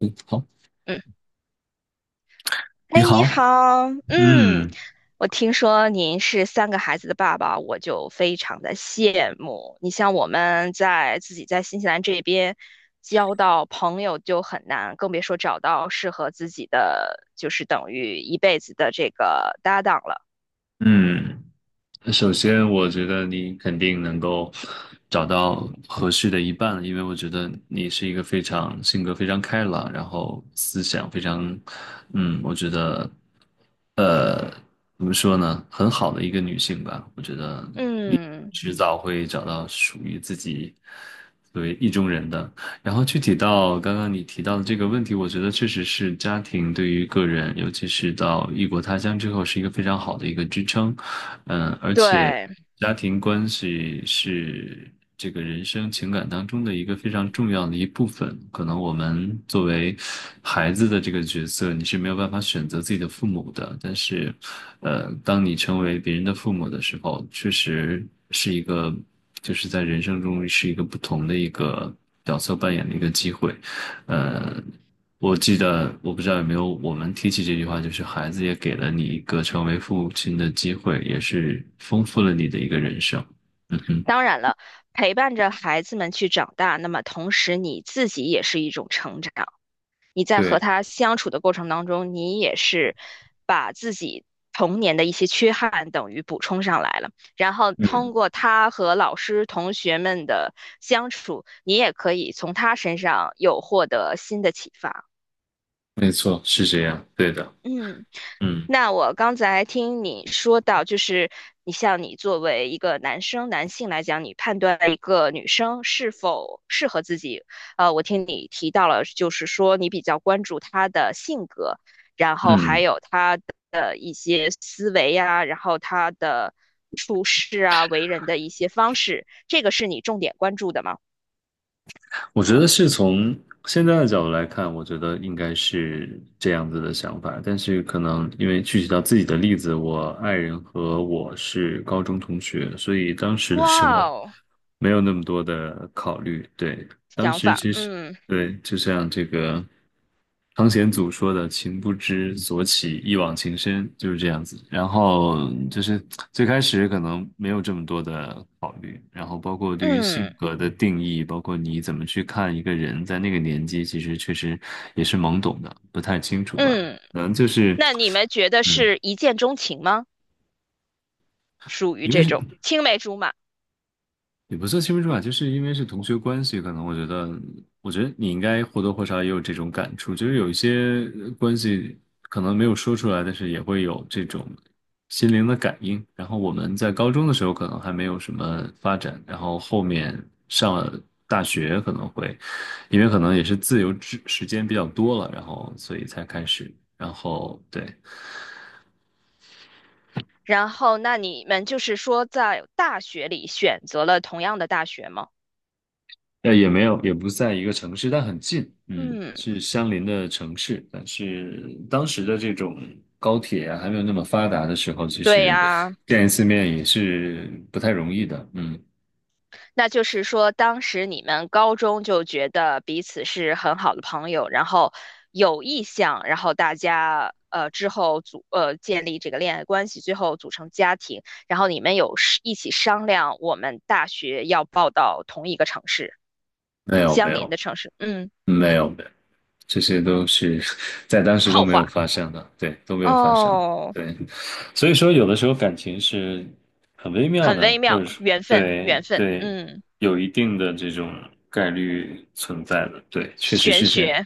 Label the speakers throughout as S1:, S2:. S1: 嗯，好，
S2: 嗯，
S1: 你
S2: 哎，你
S1: 好，
S2: 好，
S1: 嗯
S2: 我听说您是三个孩子的爸爸，我就非常的羡慕。你像我们在自己在新西兰这边交到朋友就很难，更别说找到适合自己的，就是等于一辈子的这个搭档了。
S1: 嗯，首先，我觉得你肯定能够找到合适的一半，因为我觉得你是一个非常性格非常开朗，然后思想非常，我觉得，呃，怎么说呢，很好的一个女性吧。我觉得你
S2: 嗯，
S1: 迟早会找到属于自己作为意中人的。然后具体到刚刚你提到的这个问题，我觉得确实是家庭对于个人，尤其是到异国他乡之后，是一个非常好的一个支撑。嗯，而且
S2: 对，
S1: 家庭关系是这个人生情感当中的一个非常重要的一部分。可能我们作为孩子的这个角色，你是没有办法选择自己的父母的。但是，当你成为别人的父母的时候，确实是一个，就是在人生中是一个不同的一个角色扮演的一个机会。呃，我记得我不知道有没有我们提起这句话，就是孩子也给了你一个成为父亲的机会，也是丰富了你的一个人生。嗯哼，
S2: 当然了，陪伴着孩子们去长大，那么同时你自己也是一种成长。你在和
S1: 对，
S2: 他相处的过程当中，你也是把自己童年的一些缺憾等于补充上来了，然后通
S1: 嗯，
S2: 过他和老师、同学们的相处，你也可以从他身上有获得新的启发。
S1: 没错，是这样，对的，
S2: 嗯，
S1: 嗯
S2: 那我刚才听你说到，就是你像你作为一个男生、男性来讲，你判断一个女生是否适合自己，我听你提到了，就是说你比较关注她的性格，然后还
S1: 嗯。
S2: 有她的一些思维呀，然后她的处事啊、为人的一些方式，这个是你重点关注的吗？
S1: 我觉得是从现在的角度来看，我觉得应该是这样子的想法。但是可能因为具体到自己的例子，我爱人和我是高中同学，所以当时的时
S2: 哇
S1: 候
S2: 哦，
S1: 没有那么多的考虑。对，当
S2: 想
S1: 时
S2: 法，
S1: 其实。
S2: 嗯
S1: 对，就像这个汤显祖说的“情不知所起，一往情深”，就是这样子。然后就是最开始可能没有这么多的考虑，然后包括对于性
S2: 嗯
S1: 格的定义，包括你怎么去看一个人，在那个年纪，其实确实也是懵懂的，不太清楚吧。
S2: 嗯，
S1: 可能就是，
S2: 那你们觉得
S1: 嗯，
S2: 是一见钟情吗？属于
S1: 因为
S2: 这
S1: 是。
S2: 种青梅竹马。
S1: 也不算青竹吧，就是因为是同学关系，可能我觉得，我觉得你应该或多或少也有这种感触，就是有一些关系可能没有说出来，但是也会有这种心灵的感应。然后我们在高中的时候可能还没有什么发展，然后后面上了大学可能会，因为可能也是自由之时间比较多了，然后所以才开始，然后对。
S2: 然后，那你们就是说在大学里选择了同样的大学吗？
S1: 也没有，也不在一个城市，但很近，嗯，
S2: 嗯，
S1: 是相邻的城市。但是当时的这种高铁啊，还没有那么发达的时候，其
S2: 对
S1: 实
S2: 呀，
S1: 见一次面也是不太容易的。嗯，
S2: 那就是说当时你们高中就觉得彼此是很好的朋友，然后有意向，然后大家之后建立这个恋爱关系，最后组成家庭，然后你们有是一起商量我们大学要报到同一个城市，
S1: 没有，没
S2: 相邻
S1: 有，
S2: 的城市。嗯，
S1: 没有，没有，这些都是 在当时都
S2: 后
S1: 没
S2: 话
S1: 有发生的，对，都没有发生，
S2: 哦。
S1: 对。所以说，有的时候感情是很微妙
S2: 很
S1: 的，
S2: 微
S1: 或
S2: 妙，
S1: 者说，
S2: 缘分，缘
S1: 对
S2: 分，
S1: 对，
S2: 嗯，
S1: 有一定的这种概率存在的，对，确实
S2: 玄
S1: 是这样。
S2: 学，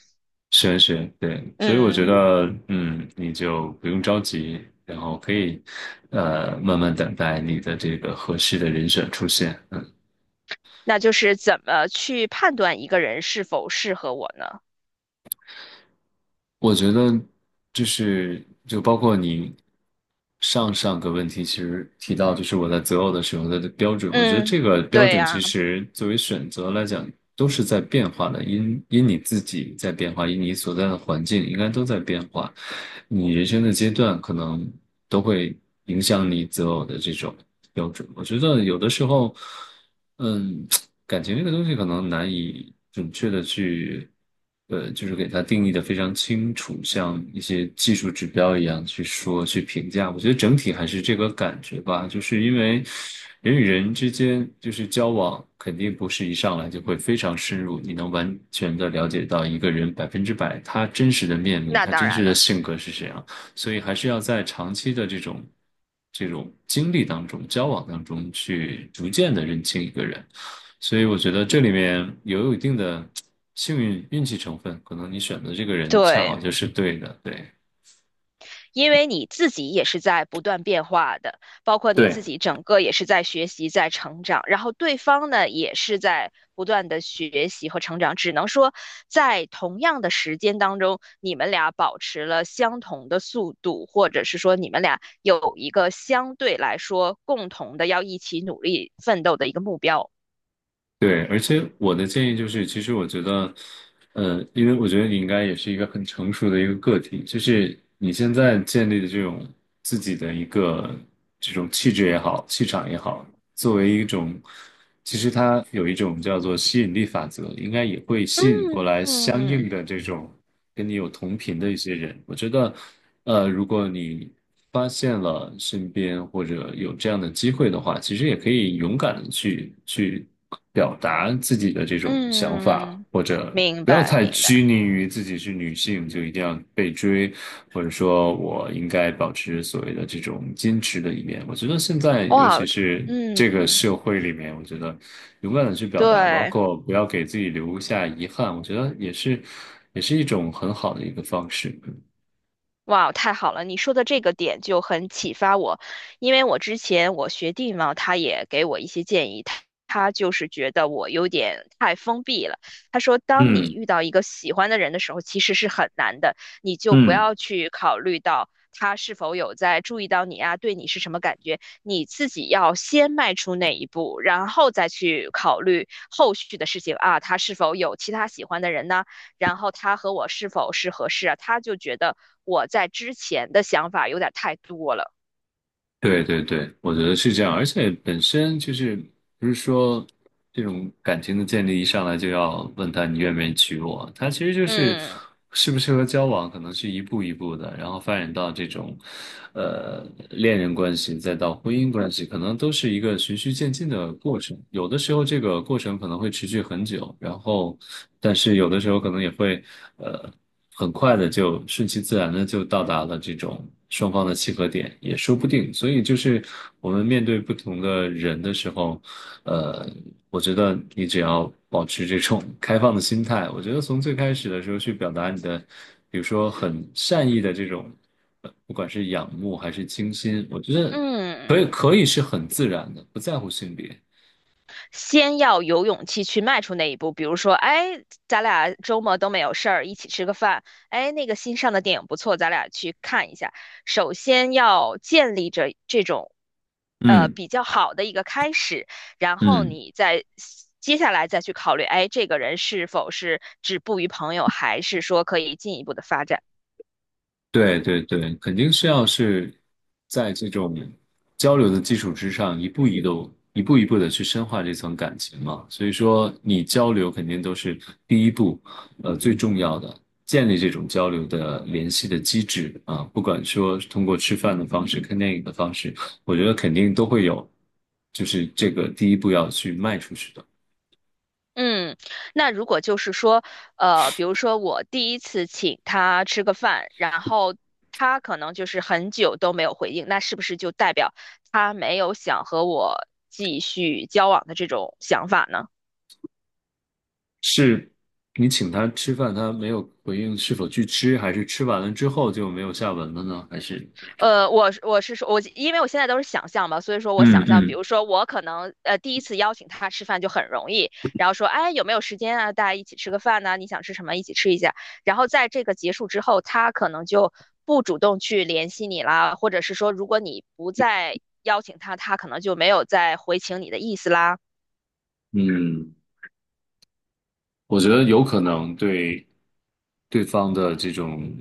S1: 是是，对，所以我觉
S2: 嗯，
S1: 得，嗯，你就不用着急，然后可以，慢慢等待你的这个合适的人选出现。嗯。
S2: 那就是怎么去判断一个人是否适合我呢？
S1: 我觉得就是就包括你上上个问题，其实提到就是我在择偶的时候的标准，我觉得
S2: 嗯，
S1: 这个标
S2: 对
S1: 准其
S2: 呀，
S1: 实作为选择来讲都是在变化的，因你自己在变化，因你所在的环境应该都在变化，你人生的阶段可能都会影响你择偶的这种标准。我觉得有的时候。嗯，感情这个东西可能难以准确的去，就是给它定义的非常清楚，像一些技术指标一样去说去评价。我觉得整体还是这个感觉吧，就是因为人与人之间就是交往，肯定不是一上来就会非常深入，你能完全的了解到一个人百分之百他真实的面目，
S2: 那
S1: 他
S2: 当
S1: 真
S2: 然
S1: 实的
S2: 了，
S1: 性格是什样。所以还是要在长期的这种经历当中、交往当中去逐渐的认清一个人。所以我觉得这里面也有一定的幸运运气成分，可能你选的这个人恰好
S2: 对。
S1: 就是对的，对。
S2: 因为你自己也是在不断变化的，包括你
S1: 对，
S2: 自己整个也是在学习、在成长，然后对方呢也是在不断的学习和成长。只能说，在同样的时间当中，你们俩保持了相同的速度，或者是说你们俩有一个相对来说共同的要一起努力奋斗的一个目标。
S1: 对，而且我的建议就是，其实我觉得，因为我觉得你应该也是一个很成熟的一个个体，就是你现在建立的这种自己的一个这种气质也好，气场也好，作为一种，其实它有一种叫做吸引力法则，应该也会
S2: 嗯
S1: 吸引过来相应
S2: 嗯
S1: 的这种跟你有同频的一些人。我觉得，如果你发现了身边或者有这样的机会的话，其实也可以勇敢的去。表达自己的这种想法，
S2: 嗯，
S1: 或者
S2: 明
S1: 不要
S2: 白
S1: 太
S2: 明
S1: 拘
S2: 白。
S1: 泥于自己是女性就一定要被追，或者说我应该保持所谓的这种矜持的一面。我觉得现在尤
S2: 哇，
S1: 其是
S2: 嗯，
S1: 这个社会里面，我觉得勇敢的去表达，包
S2: 对。
S1: 括不要给自己留下遗憾，我觉得也是也是一种很好的一个方式。
S2: 哇，太好了！你说的这个点就很启发我，因为我之前我学弟嘛，他也给我一些建议，他就是觉得我有点太封闭了。他说，当你
S1: 嗯
S2: 遇到一个喜欢的人的时候，其实是很难的，你就不
S1: 嗯。
S2: 要去考虑到他是否有在注意到你啊，对你是什么感觉，你自己要先迈出那一步，然后再去考虑后续的事情啊，他是否有其他喜欢的人呢？然后他和我是否是合适啊？他就觉得我在之前的想法有点太多了。
S1: 对对对，我觉得是这样，而且本身就是不是说这种感情的建立一上来就要问他你愿不愿意娶我，他其实就是
S2: 嗯
S1: 适不适合交往，可能是一步一步的，然后发展到这种呃恋人关系，再到婚姻关系，可能都是一个循序渐进的过程。有的时候这个过程可能会持续很久，然后但是有的时候可能也会呃。很快的就顺其自然的就到达了这种双方的契合点，也说不定。所以就是我们面对不同的人的时候，呃，我觉得你只要保持这种 开放的心态，我觉得从最开始的时候去表达你的，比如说很善意的这种，不管是仰慕还是倾心，我觉得
S2: 嗯，
S1: 可以是很自然的，不在乎性别。
S2: 先要有勇气去迈出那一步。比如说，哎，咱俩周末都没有事儿，一起吃个饭。哎，那个新上的电影不错，咱俩去看一下。首先要建立着这种，
S1: 嗯
S2: 比较好的一个开始，然后
S1: 嗯。
S2: 你再。接下来再去考虑，哎，这个人是否是止步于朋友，还是说可以进一步的发展？
S1: 对对对，肯定是要是在这种交流的基础之上，一步一步、一步一步的去深化这层感情嘛。所以说，你交流肯定都是第一步，最重要的，建立这种交流的联系的机制啊。不管说是通过吃饭的方式、看电影的方式，我觉得肯定都会有，就是这个第一步要去迈出去的。
S2: 嗯，那如果就是说，比如说我第一次请他吃个饭，然后他可能就是很久都没有回应，那是不是就代表他没有想和我继续交往的这种想法呢？
S1: 是你请他吃饭，他没有回应是否去吃，还是吃完了之后就没有下文了呢？还是
S2: 呃，我是说，我因为我现在都是想象嘛，所以说我
S1: 嗯
S2: 想象，比
S1: 嗯
S2: 如说我可能第一次邀请他吃饭就很容易，然后说哎有没有时间啊，大家一起吃个饭呐、你想吃什么一起吃一下，然后在这个结束之后，他可能就不主动去联系你啦，或者是说如果你不再邀请他，他可能就没有再回请你的意思啦，
S1: 嗯，我觉得有可能对对方的这种、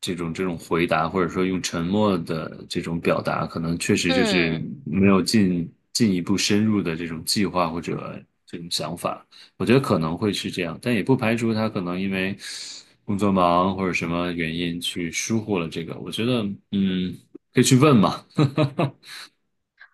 S1: 这种回答，或者说用沉默的这种表达，可能确实就是
S2: 嗯。
S1: 没有进一步深入的这种计划或者这种想法。我觉得可能会是这样，但也不排除他可能因为工作忙或者什么原因去疏忽了这个。我觉得，嗯，可以去问嘛。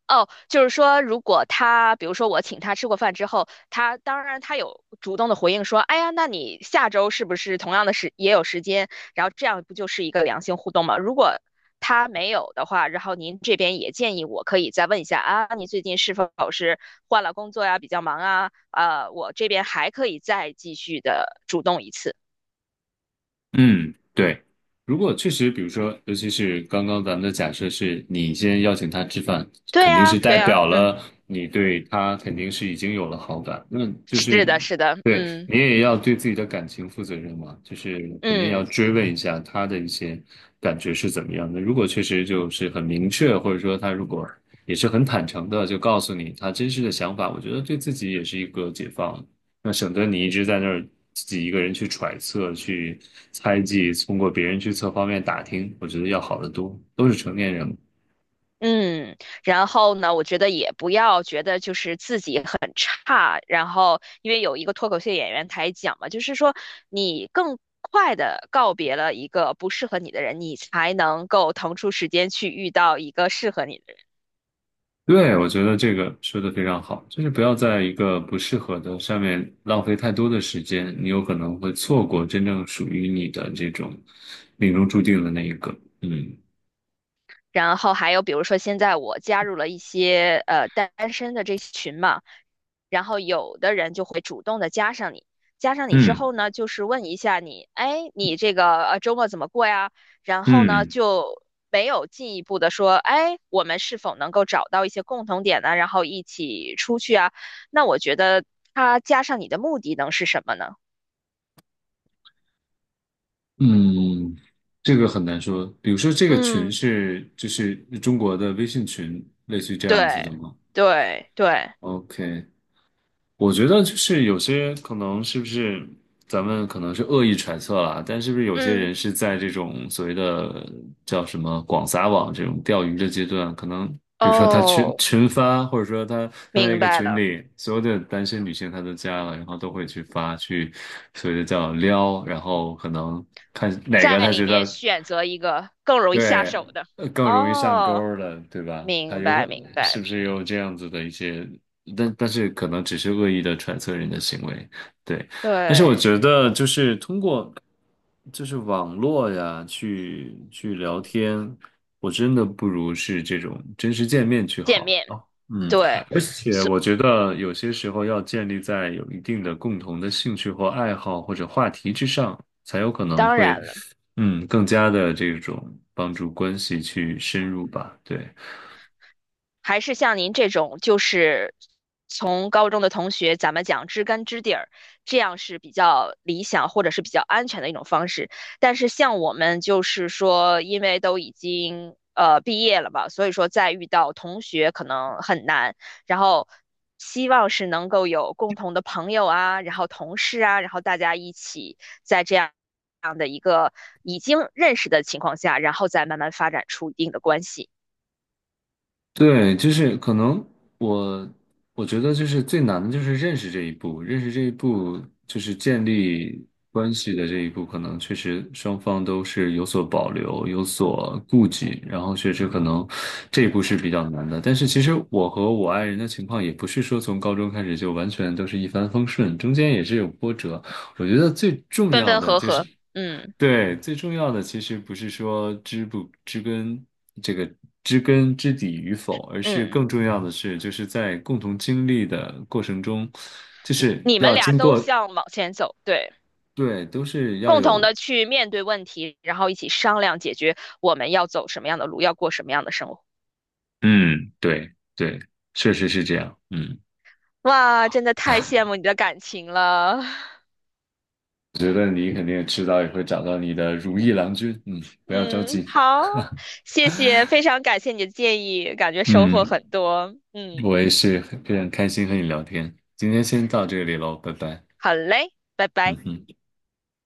S2: 哦，就是说，如果他，比如说我请他吃过饭之后，他当然他有主动的回应说，哎呀，那你下周是不是同样的时也有时间？然后这样不就是一个良性互动吗？如果他没有的话，然后您这边也建议我可以再问一下啊，你最近是否是换了工作呀，比较忙啊？啊，我这边还可以再继续的主动一次。
S1: 嗯，对。如果确实，比如说，尤其是刚刚咱们的假设是你先邀请他吃饭，
S2: 对
S1: 肯定
S2: 呀，
S1: 是
S2: 对
S1: 代
S2: 呀，
S1: 表
S2: 嗯，
S1: 了你对他肯定是已经有了好感。那就
S2: 是
S1: 是
S2: 的，是的，
S1: 对
S2: 嗯
S1: 你也要对自己的感情负责任嘛，就是肯定要
S2: 嗯。
S1: 追问一下他的一些感觉是怎么样的。如果确实就是很明确，或者说他如果也是很坦诚的，就告诉你他真实的想法，我觉得对自己也是一个解放。那省得你一直在那儿自己一个人去揣测、去猜忌，通过别人去侧方面打听，我觉得要好得多。都是成年人了，
S2: 嗯，然后呢，我觉得也不要觉得就是自己很差，然后因为有一个脱口秀演员台讲嘛，就是说你更快的告别了一个不适合你的人，你才能够腾出时间去遇到一个适合你的
S1: 对，我觉得这个说的非常好，就是不要在一个不适合的上面浪费太多的时间，你有可能会错过真正属于你的这种命中注定的那一个。嗯
S2: 然后还有比如说现在我加入了一些单身的这群嘛，然后有的人就会主动的加上你，加上你之
S1: 嗯
S2: 后呢，就是问一下你，哎，你这个周末怎么过呀？然后呢
S1: 嗯
S2: 就没有进一步的说，哎，我们是否能够找到一些共同点呢？然后一起出去啊？那我觉得他加上你的目的能是什么呢？
S1: 嗯，这个很难说。比如说，这个群
S2: 嗯，
S1: 是就是中国的微信群，类似于这样子的
S2: 对
S1: 吗
S2: 对对，
S1: ？OK，我觉得就是有些可能是不是咱们可能是恶意揣测啦，但是不是有些
S2: 嗯，
S1: 人是在这种所谓的叫什么广撒网这种钓鱼的阶段，可能比如说他群
S2: 哦，
S1: 群发，或者说他他在一
S2: 明
S1: 个
S2: 白
S1: 群
S2: 了。
S1: 里，所有的单身女性他都加了，然后都会去发去所谓的叫撩，然后可能看哪个
S2: 在
S1: 他
S2: 里
S1: 觉
S2: 面
S1: 得。
S2: 选择一个更容易下
S1: 对，
S2: 手的。
S1: 更容易上钩
S2: 哦，
S1: 儿了，对吧？他
S2: 明
S1: 有可
S2: 白明
S1: 能是
S2: 白，
S1: 不是有这样子的一些，但但是可能只是恶意的揣测人的行为，对。但是我
S2: 对，
S1: 觉得就是通过就是网络呀，去聊天，我真的不如是这种真实见面去
S2: 见
S1: 好
S2: 面，
S1: 啊。嗯，
S2: 对，
S1: 而且
S2: 所
S1: 我觉得有些时候要建立在有一定的共同的兴趣或爱好或者话题之上，才有可能
S2: 当然
S1: 会，
S2: 了。
S1: 嗯，更加的这种帮助关系去深入吧。对，
S2: 还是像您这种，就是从高中的同学，咱们讲知根知底儿，这样是比较理想或者是比较安全的一种方式。但是像我们就是说，因为都已经毕业了吧，所以说再遇到同学可能很难。然后希望是能够有共同的朋友啊，然后同事啊，然后大家一起在这样的一个已经认识的情况下，然后再慢慢发展出一定的关系，
S1: 对，就是可能我我觉得就是最难的就是认识这一步，认识这一步就是建立关系的这一步，可能确实双方都是有所保留、有所顾忌，然后确实可能这一步是比较难的。但是其实我和我爱人的情况也不是说从高中开始就完全都是一帆风顺，中间也是有波折。我觉得最重
S2: 分
S1: 要
S2: 分
S1: 的
S2: 合
S1: 就是。
S2: 合，嗯。
S1: 对，最重要的其实不是说知不知根这个知根知底与否，而是
S2: 嗯，
S1: 更重要的是，就是在共同经历的过程中，就是
S2: 你们
S1: 要
S2: 俩
S1: 经
S2: 都
S1: 过，
S2: 向往前走，对，
S1: 对，都是要
S2: 共同
S1: 有，
S2: 的去面对问题，然后一起商量解决我们要走什么样的路，要过什么样的生活。
S1: 嗯，对对，确实是这样，嗯，
S2: 哇，真的太羡慕你的感情了。
S1: 我觉得你肯定迟早也会找到你的如意郎君，嗯，不要着
S2: 嗯，
S1: 急，
S2: 好，谢谢，非常感谢你的建议，感觉收获
S1: 嗯，
S2: 很多。嗯，
S1: 我也是很非常开心和你聊天，今天先到这里喽，拜拜，
S2: 好嘞，拜
S1: 嗯
S2: 拜。
S1: 哼。